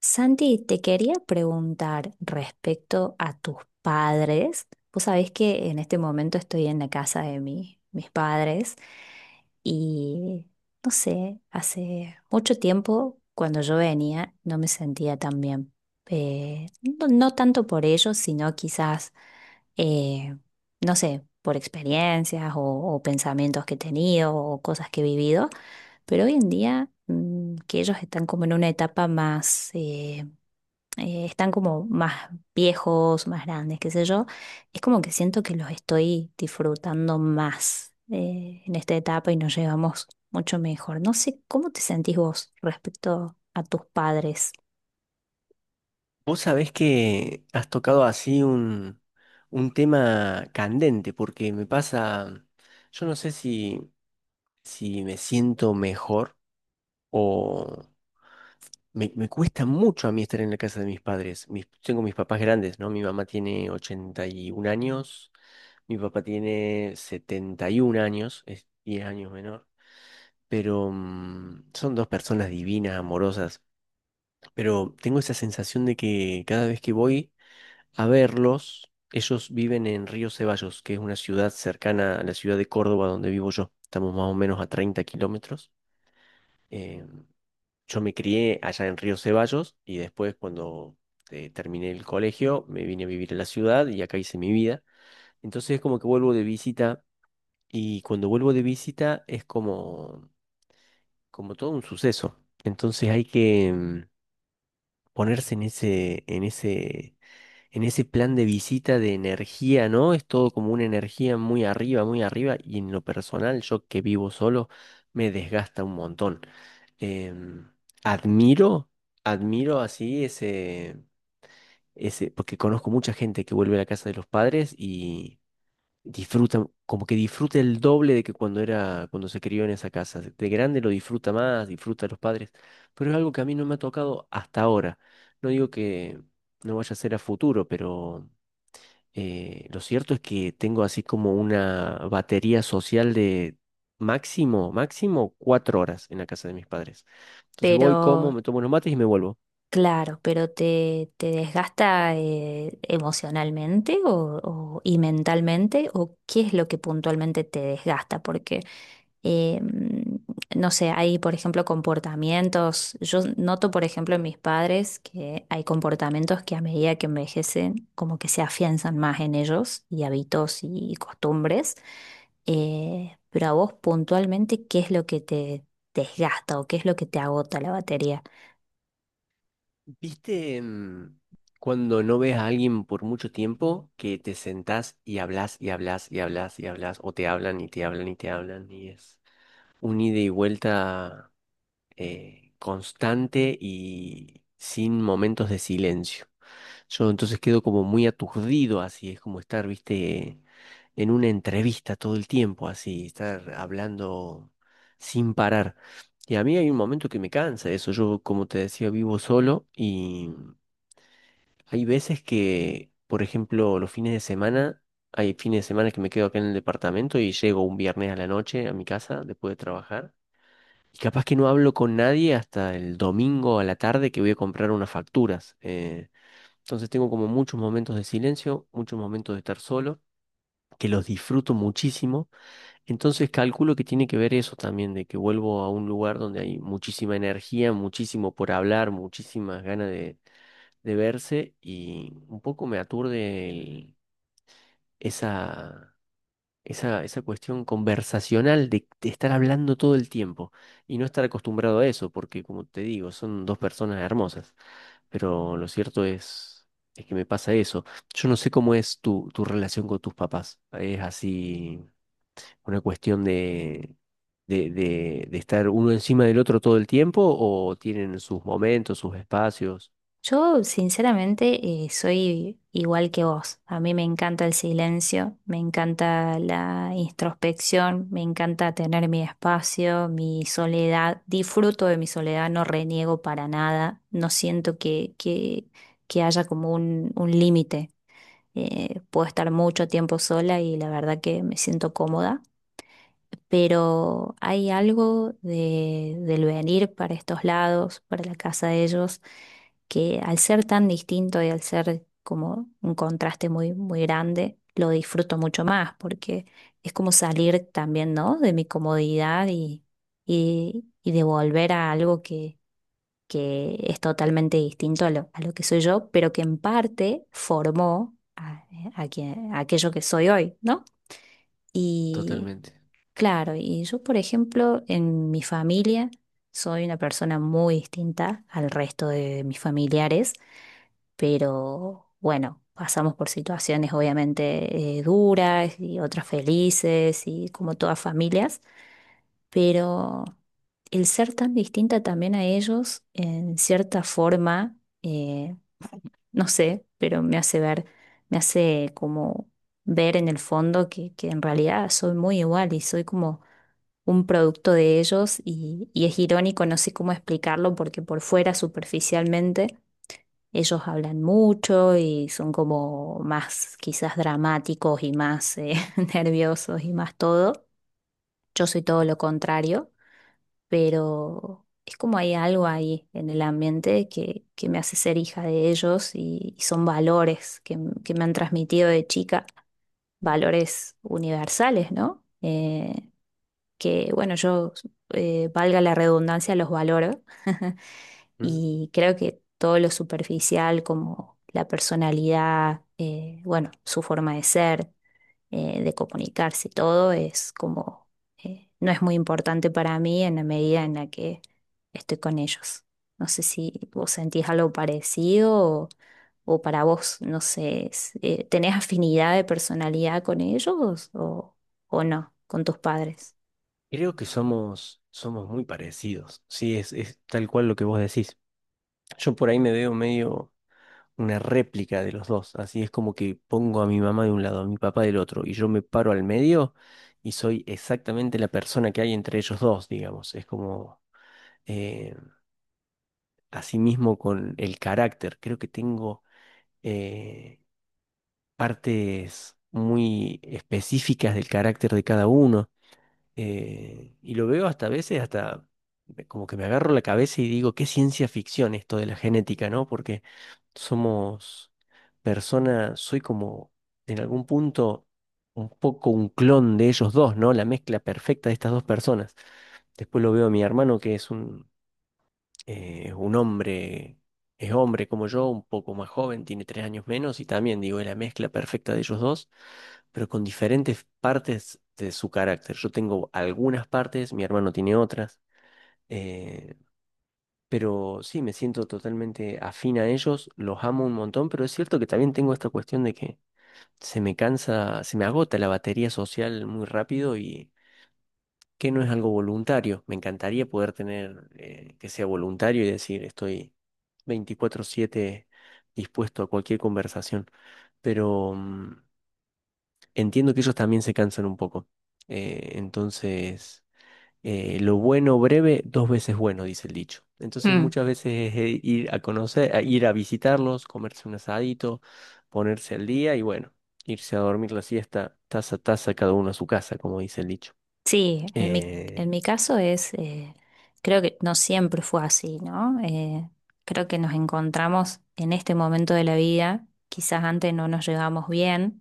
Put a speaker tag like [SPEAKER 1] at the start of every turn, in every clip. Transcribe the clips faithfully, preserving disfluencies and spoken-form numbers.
[SPEAKER 1] Santi, te quería preguntar respecto a tus padres. Vos sabés que en este momento estoy en la casa de mi- mis padres y no sé, hace mucho tiempo cuando yo venía no me sentía tan bien. Eh, no, no tanto por ellos, sino quizás, eh, no sé, por experiencias o, o pensamientos que he tenido o cosas que he vivido, pero hoy en día mm, que ellos están como en una etapa más eh, eh, están como más viejos, más grandes, qué sé yo. Es como que siento que los estoy disfrutando más eh, en esta etapa y nos llevamos mucho mejor. No sé cómo te sentís vos respecto a tus padres,
[SPEAKER 2] Vos sabés que has tocado así un, un tema candente, porque me pasa, yo no sé si, si me siento mejor o me, me cuesta mucho a mí estar en la casa de mis padres. Mis- tengo mis papás grandes, ¿no? Mi mamá tiene ochenta y un años, mi papá tiene setenta y un años, es diez años menor, pero mm, son dos personas divinas, amorosas, pero tengo esa sensación de que cada vez que voy a verlos. Ellos viven en Río Ceballos, que es una ciudad cercana a la ciudad de Córdoba donde vivo yo. Estamos más o menos a treinta kilómetros. Eh, yo me crié allá en Río Ceballos y después cuando eh, terminé el colegio me vine a vivir a la ciudad y acá hice mi vida. Entonces es como que vuelvo de visita y cuando vuelvo de visita es como, como todo un suceso. Entonces hay que mm, ponerse en ese, en ese en ese plan de visita de energía, ¿no? Es todo como una energía muy arriba, muy arriba, y en lo personal, yo que vivo solo, me desgasta un montón. Em, admiro, admiro así ese, ese, porque conozco mucha gente que vuelve a la casa de los padres y disfruta, como que disfruta el doble de que cuando era, cuando se crió en esa casa. De grande lo disfruta más, disfruta a los padres, pero es algo que a mí no me ha tocado hasta ahora. No digo que no vaya a ser a futuro, pero eh, lo cierto es que tengo así como una batería social de máximo, máximo cuatro horas en la casa de mis padres. Entonces voy, como,
[SPEAKER 1] pero
[SPEAKER 2] me tomo unos mates y me vuelvo.
[SPEAKER 1] claro, pero ¿te, te desgasta eh, emocionalmente o, o- y mentalmente? ¿O qué es lo que puntualmente te desgasta? Porque, eh, mm, no sé, hay, por ejemplo, comportamientos. Yo noto, por ejemplo, en mis padres que hay comportamientos que a medida que envejecen, como que se afianzan más en ellos y hábitos y costumbres. Eh, pero a vos puntualmente, ¿qué es lo que te desgasta o qué es lo que te agota la batería?
[SPEAKER 2] ¿Viste mm, cuando no ves a alguien por mucho tiempo que te sentás y hablas y hablas y hablas y hablas o te hablan y te hablan y te hablan y es un ida y vuelta eh, constante y sin momentos de silencio? Yo entonces quedo como muy aturdido, así es como estar, viste, en una entrevista todo el tiempo, así, estar hablando sin parar. Y a mí hay un momento que me cansa eso. Yo, como te decía, vivo solo y hay veces que, por ejemplo, los fines de semana, hay fines de semana que me quedo acá en el departamento y llego un viernes a la noche a mi casa después de trabajar. Y capaz que no hablo con nadie hasta el domingo a la tarde que voy a comprar unas facturas. eh, entonces tengo como muchos momentos de silencio, muchos momentos de estar solo, que los disfruto muchísimo. Entonces calculo que tiene que ver eso también, de que vuelvo a un lugar donde hay muchísima energía, muchísimo por hablar, muchísimas ganas de, de verse y un poco me aturde el- esa esa, esa cuestión conversacional de, de estar hablando todo el tiempo y no estar acostumbrado a eso, porque como te digo, son dos personas hermosas, pero lo cierto es, es que me pasa eso. Yo no sé cómo es tu, tu relación con tus papás, es así una cuestión de, de, de, de estar uno encima del otro todo el tiempo o tienen sus momentos, sus espacios.
[SPEAKER 1] Yo, sinceramente, eh, soy igual que vos. A mí me encanta el silencio, me encanta la introspección, me encanta tener mi espacio, mi soledad. Disfruto de mi soledad, no reniego para nada. No siento que, que, que haya como un, un límite. Eh, puedo estar mucho tiempo sola y la verdad que me siento cómoda, pero hay algo de, del venir para estos lados, para la casa de ellos, que al ser tan distinto y al ser como un contraste muy, muy grande, lo disfruto mucho más, porque es como salir también, ¿no?, de mi comodidad y, y, y de volver a algo que, que es totalmente distinto a lo, a lo que soy yo, pero que en parte formó a, a quien- a aquello que soy hoy, ¿no? Y
[SPEAKER 2] Totalmente.
[SPEAKER 1] claro, y yo, por ejemplo, en mi familia soy una persona muy distinta al resto de mis familiares, pero bueno, pasamos por situaciones obviamente eh, duras y otras felices y como todas familias, pero el ser tan distinta también a ellos, en cierta forma, eh, no sé, pero me hace ver, me hace como ver en el fondo que, que en realidad soy muy igual y soy como un producto de ellos y, y es irónico, no sé cómo explicarlo, porque por fuera, superficialmente, ellos hablan mucho y son como más quizás dramáticos y más eh, nerviosos y más todo. Yo soy todo lo contrario, pero es como hay algo ahí en el ambiente que, que me hace ser hija de ellos y, y son valores que, m- que me han transmitido de chica, valores universales, ¿no? Eh, que, bueno, yo, eh, valga la redundancia, los valoro
[SPEAKER 2] Mm,
[SPEAKER 1] y creo que todo lo superficial como la personalidad, eh, bueno, su forma de ser, eh, de comunicarse, todo es como, eh, no es muy importante para mí en la medida en la que estoy con ellos. No sé si vos sentís algo parecido o, o para vos, no sé, es- eh, ¿tenés afinidad de personalidad con ellos o, o no, con tus padres?
[SPEAKER 2] Creo que somos, somos muy parecidos. Sí, es, es tal cual lo que vos decís. Yo por ahí me veo medio una réplica de los dos, así es como que pongo a mi mamá de un lado, a mi papá del otro, y yo me paro al medio y soy exactamente la persona que hay entre ellos dos, digamos. Es como eh, así mismo con el carácter. Creo que tengo eh, partes muy específicas del carácter de cada uno. Eh, y lo veo hasta a veces, hasta me- como que me agarro la cabeza y digo, qué ciencia ficción esto de la genética, ¿no? Porque somos personas, soy como en algún punto un poco un clon de ellos dos, ¿no? La mezcla perfecta de estas dos personas. Después lo veo a mi hermano, que es un, eh, es un hombre, es hombre como yo, un poco más joven, tiene tres años menos y también, digo, es la mezcla perfecta de ellos dos, pero con diferentes partes de su carácter. Yo tengo algunas partes, mi hermano tiene otras, eh, pero sí, me siento totalmente afín a ellos, los amo un montón, pero es cierto que también tengo esta cuestión de que se me cansa, se me agota la batería social muy rápido y que no es algo voluntario. Me encantaría poder tener eh, que sea voluntario y decir estoy veinticuatro siete dispuesto a cualquier conversación, pero mm, entiendo que ellos también se cansan un poco. Eh, entonces, eh, lo bueno breve, dos veces bueno, dice el dicho. Entonces muchas veces es eh, ir a conocer, a ir a visitarlos, comerse un asadito, ponerse al día y bueno, irse a dormir la siesta, taza a taza, cada uno a su casa, como dice el dicho.
[SPEAKER 1] Sí, en mi, en
[SPEAKER 2] Eh,
[SPEAKER 1] mi caso es, eh, creo que no siempre fue así, ¿no? Eh, creo que nos encontramos en este momento de la vida, quizás antes no nos llevamos bien.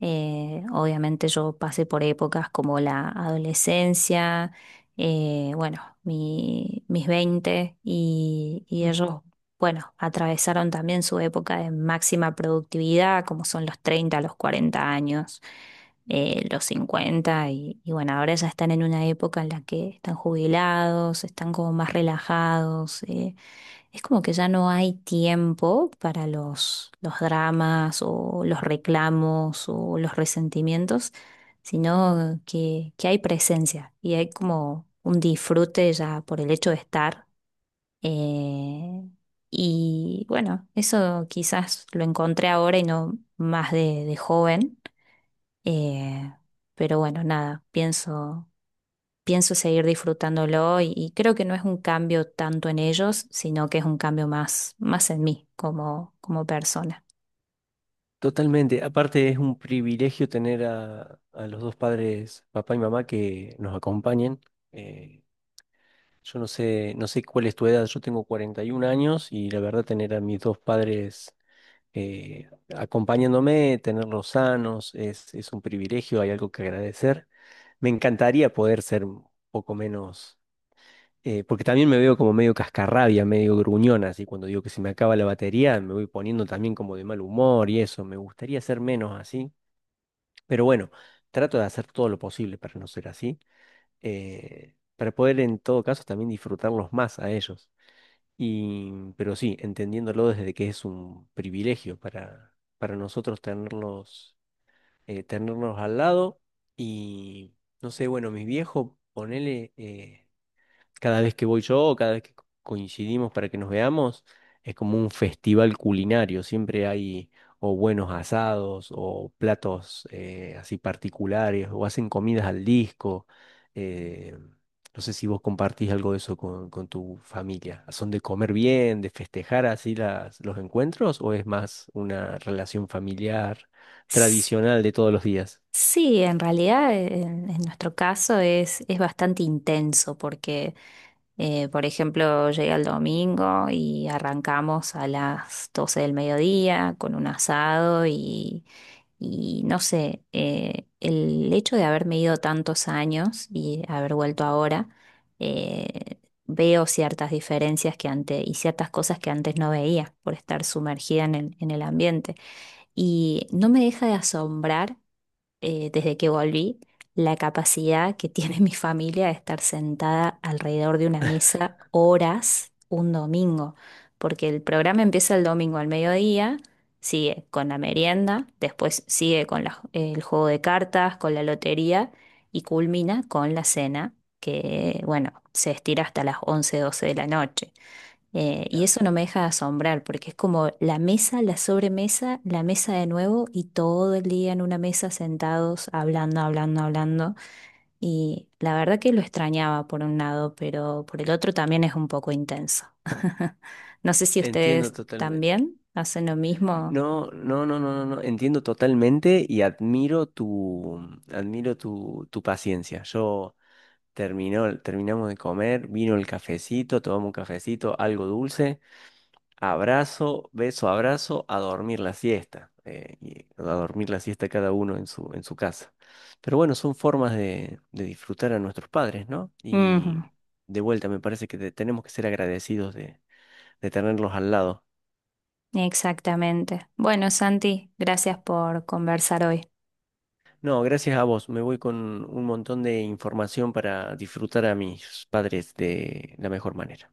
[SPEAKER 1] Eh, obviamente yo pasé por épocas como la adolescencia, eh, bueno, mi- mis veinte y, y ellos, bueno, atravesaron también su época de máxima productividad, como son los treinta los cuarenta años, eh, los cincuenta y, y bueno, ahora ya están en una época en la que están jubilados, están como más relajados. Eh, es como que ya no hay tiempo para los, los dramas o los reclamos o los resentimientos, sino que, que hay presencia y hay como un disfrute ya por el hecho de estar. eh, y bueno, eso quizás lo encontré ahora y no más de, de joven, eh, pero bueno, nada, pienso pienso seguir disfrutándolo y, y creo que no es un cambio tanto en ellos, sino que es un cambio más, más en mí como, como persona.
[SPEAKER 2] Totalmente. Aparte es un privilegio tener a, a los dos padres, papá y mamá, que nos acompañen. Eh, yo no sé, no sé cuál es tu edad, yo tengo cuarenta y un años y la verdad tener a mis dos padres eh, acompañándome, tenerlos sanos, es, es un privilegio, hay algo que agradecer. Me encantaría poder ser un poco menos, eh, porque también me veo como medio cascarrabia, medio gruñona, así cuando digo que se me acaba la batería, me voy poniendo también como de mal humor y eso, me gustaría ser menos así. Pero bueno, trato de hacer todo lo posible para no ser así, eh, para poder en todo caso también disfrutarlos más a ellos. Y, pero sí, entendiéndolo desde que es un privilegio para, para, nosotros tenerlos, eh, tenerlos al lado. Y no sé, bueno, mis viejos, ponele, eh, cada vez que voy yo o cada vez que co- coincidimos para que nos veamos, es como un festival culinario. Siempre hay o buenos asados o platos eh, así particulares o hacen comidas al disco. Eh, no sé si vos compartís algo de eso con, con tu familia. ¿Son de comer bien, de festejar así las, los encuentros o es más una relación familiar
[SPEAKER 1] S-
[SPEAKER 2] tradicional de todos los días?
[SPEAKER 1] Sí, en realidad eh, en, en nuestro caso es, es bastante intenso porque Eh, por ejemplo, llegué el domingo y arrancamos a las doce del mediodía con un asado y, y no sé, eh, el hecho de haberme ido tantos años y haber vuelto ahora, eh, veo ciertas diferencias que antes y ciertas cosas que antes no veía por estar sumergida en el, en el ambiente. Y no me deja de asombrar eh, desde que volví, la capacidad que tiene mi familia de estar sentada alrededor de una mesa horas un domingo, porque el programa empieza el domingo al mediodía, sigue con la merienda, después sigue con la- el juego de cartas, con la lotería y culmina con la cena, que bueno, se estira hasta las once doce de la noche. Eh, y
[SPEAKER 2] Claro,
[SPEAKER 1] eso no me deja de asombrar, porque es como la mesa, la sobremesa, la mesa de nuevo y todo el día en una mesa sentados, hablando, hablando, hablando. Y la verdad que lo extrañaba por un lado, pero por el otro también es un poco intenso. No sé si
[SPEAKER 2] entiendo
[SPEAKER 1] ustedes
[SPEAKER 2] totalmente.
[SPEAKER 1] también hacen lo mismo.
[SPEAKER 2] No, no, no, no, no, no, entiendo totalmente y admiro tu, admiro tu, tu paciencia. Yo terminó, terminamos de comer, vino el cafecito, tomamos un cafecito, algo dulce, abrazo, beso, abrazo, a dormir la siesta, eh, y a dormir la siesta cada uno en su, en su casa. Pero bueno, son formas de, de disfrutar a nuestros padres, ¿no? Y
[SPEAKER 1] Ujú,
[SPEAKER 2] de vuelta, me parece que te- tenemos que ser agradecidos de, de, tenerlos al lado.
[SPEAKER 1] exactamente. Bueno, Santi, gracias por conversar hoy.
[SPEAKER 2] No, gracias a vos. Me voy con un montón de información para disfrutar a mis padres de la mejor manera.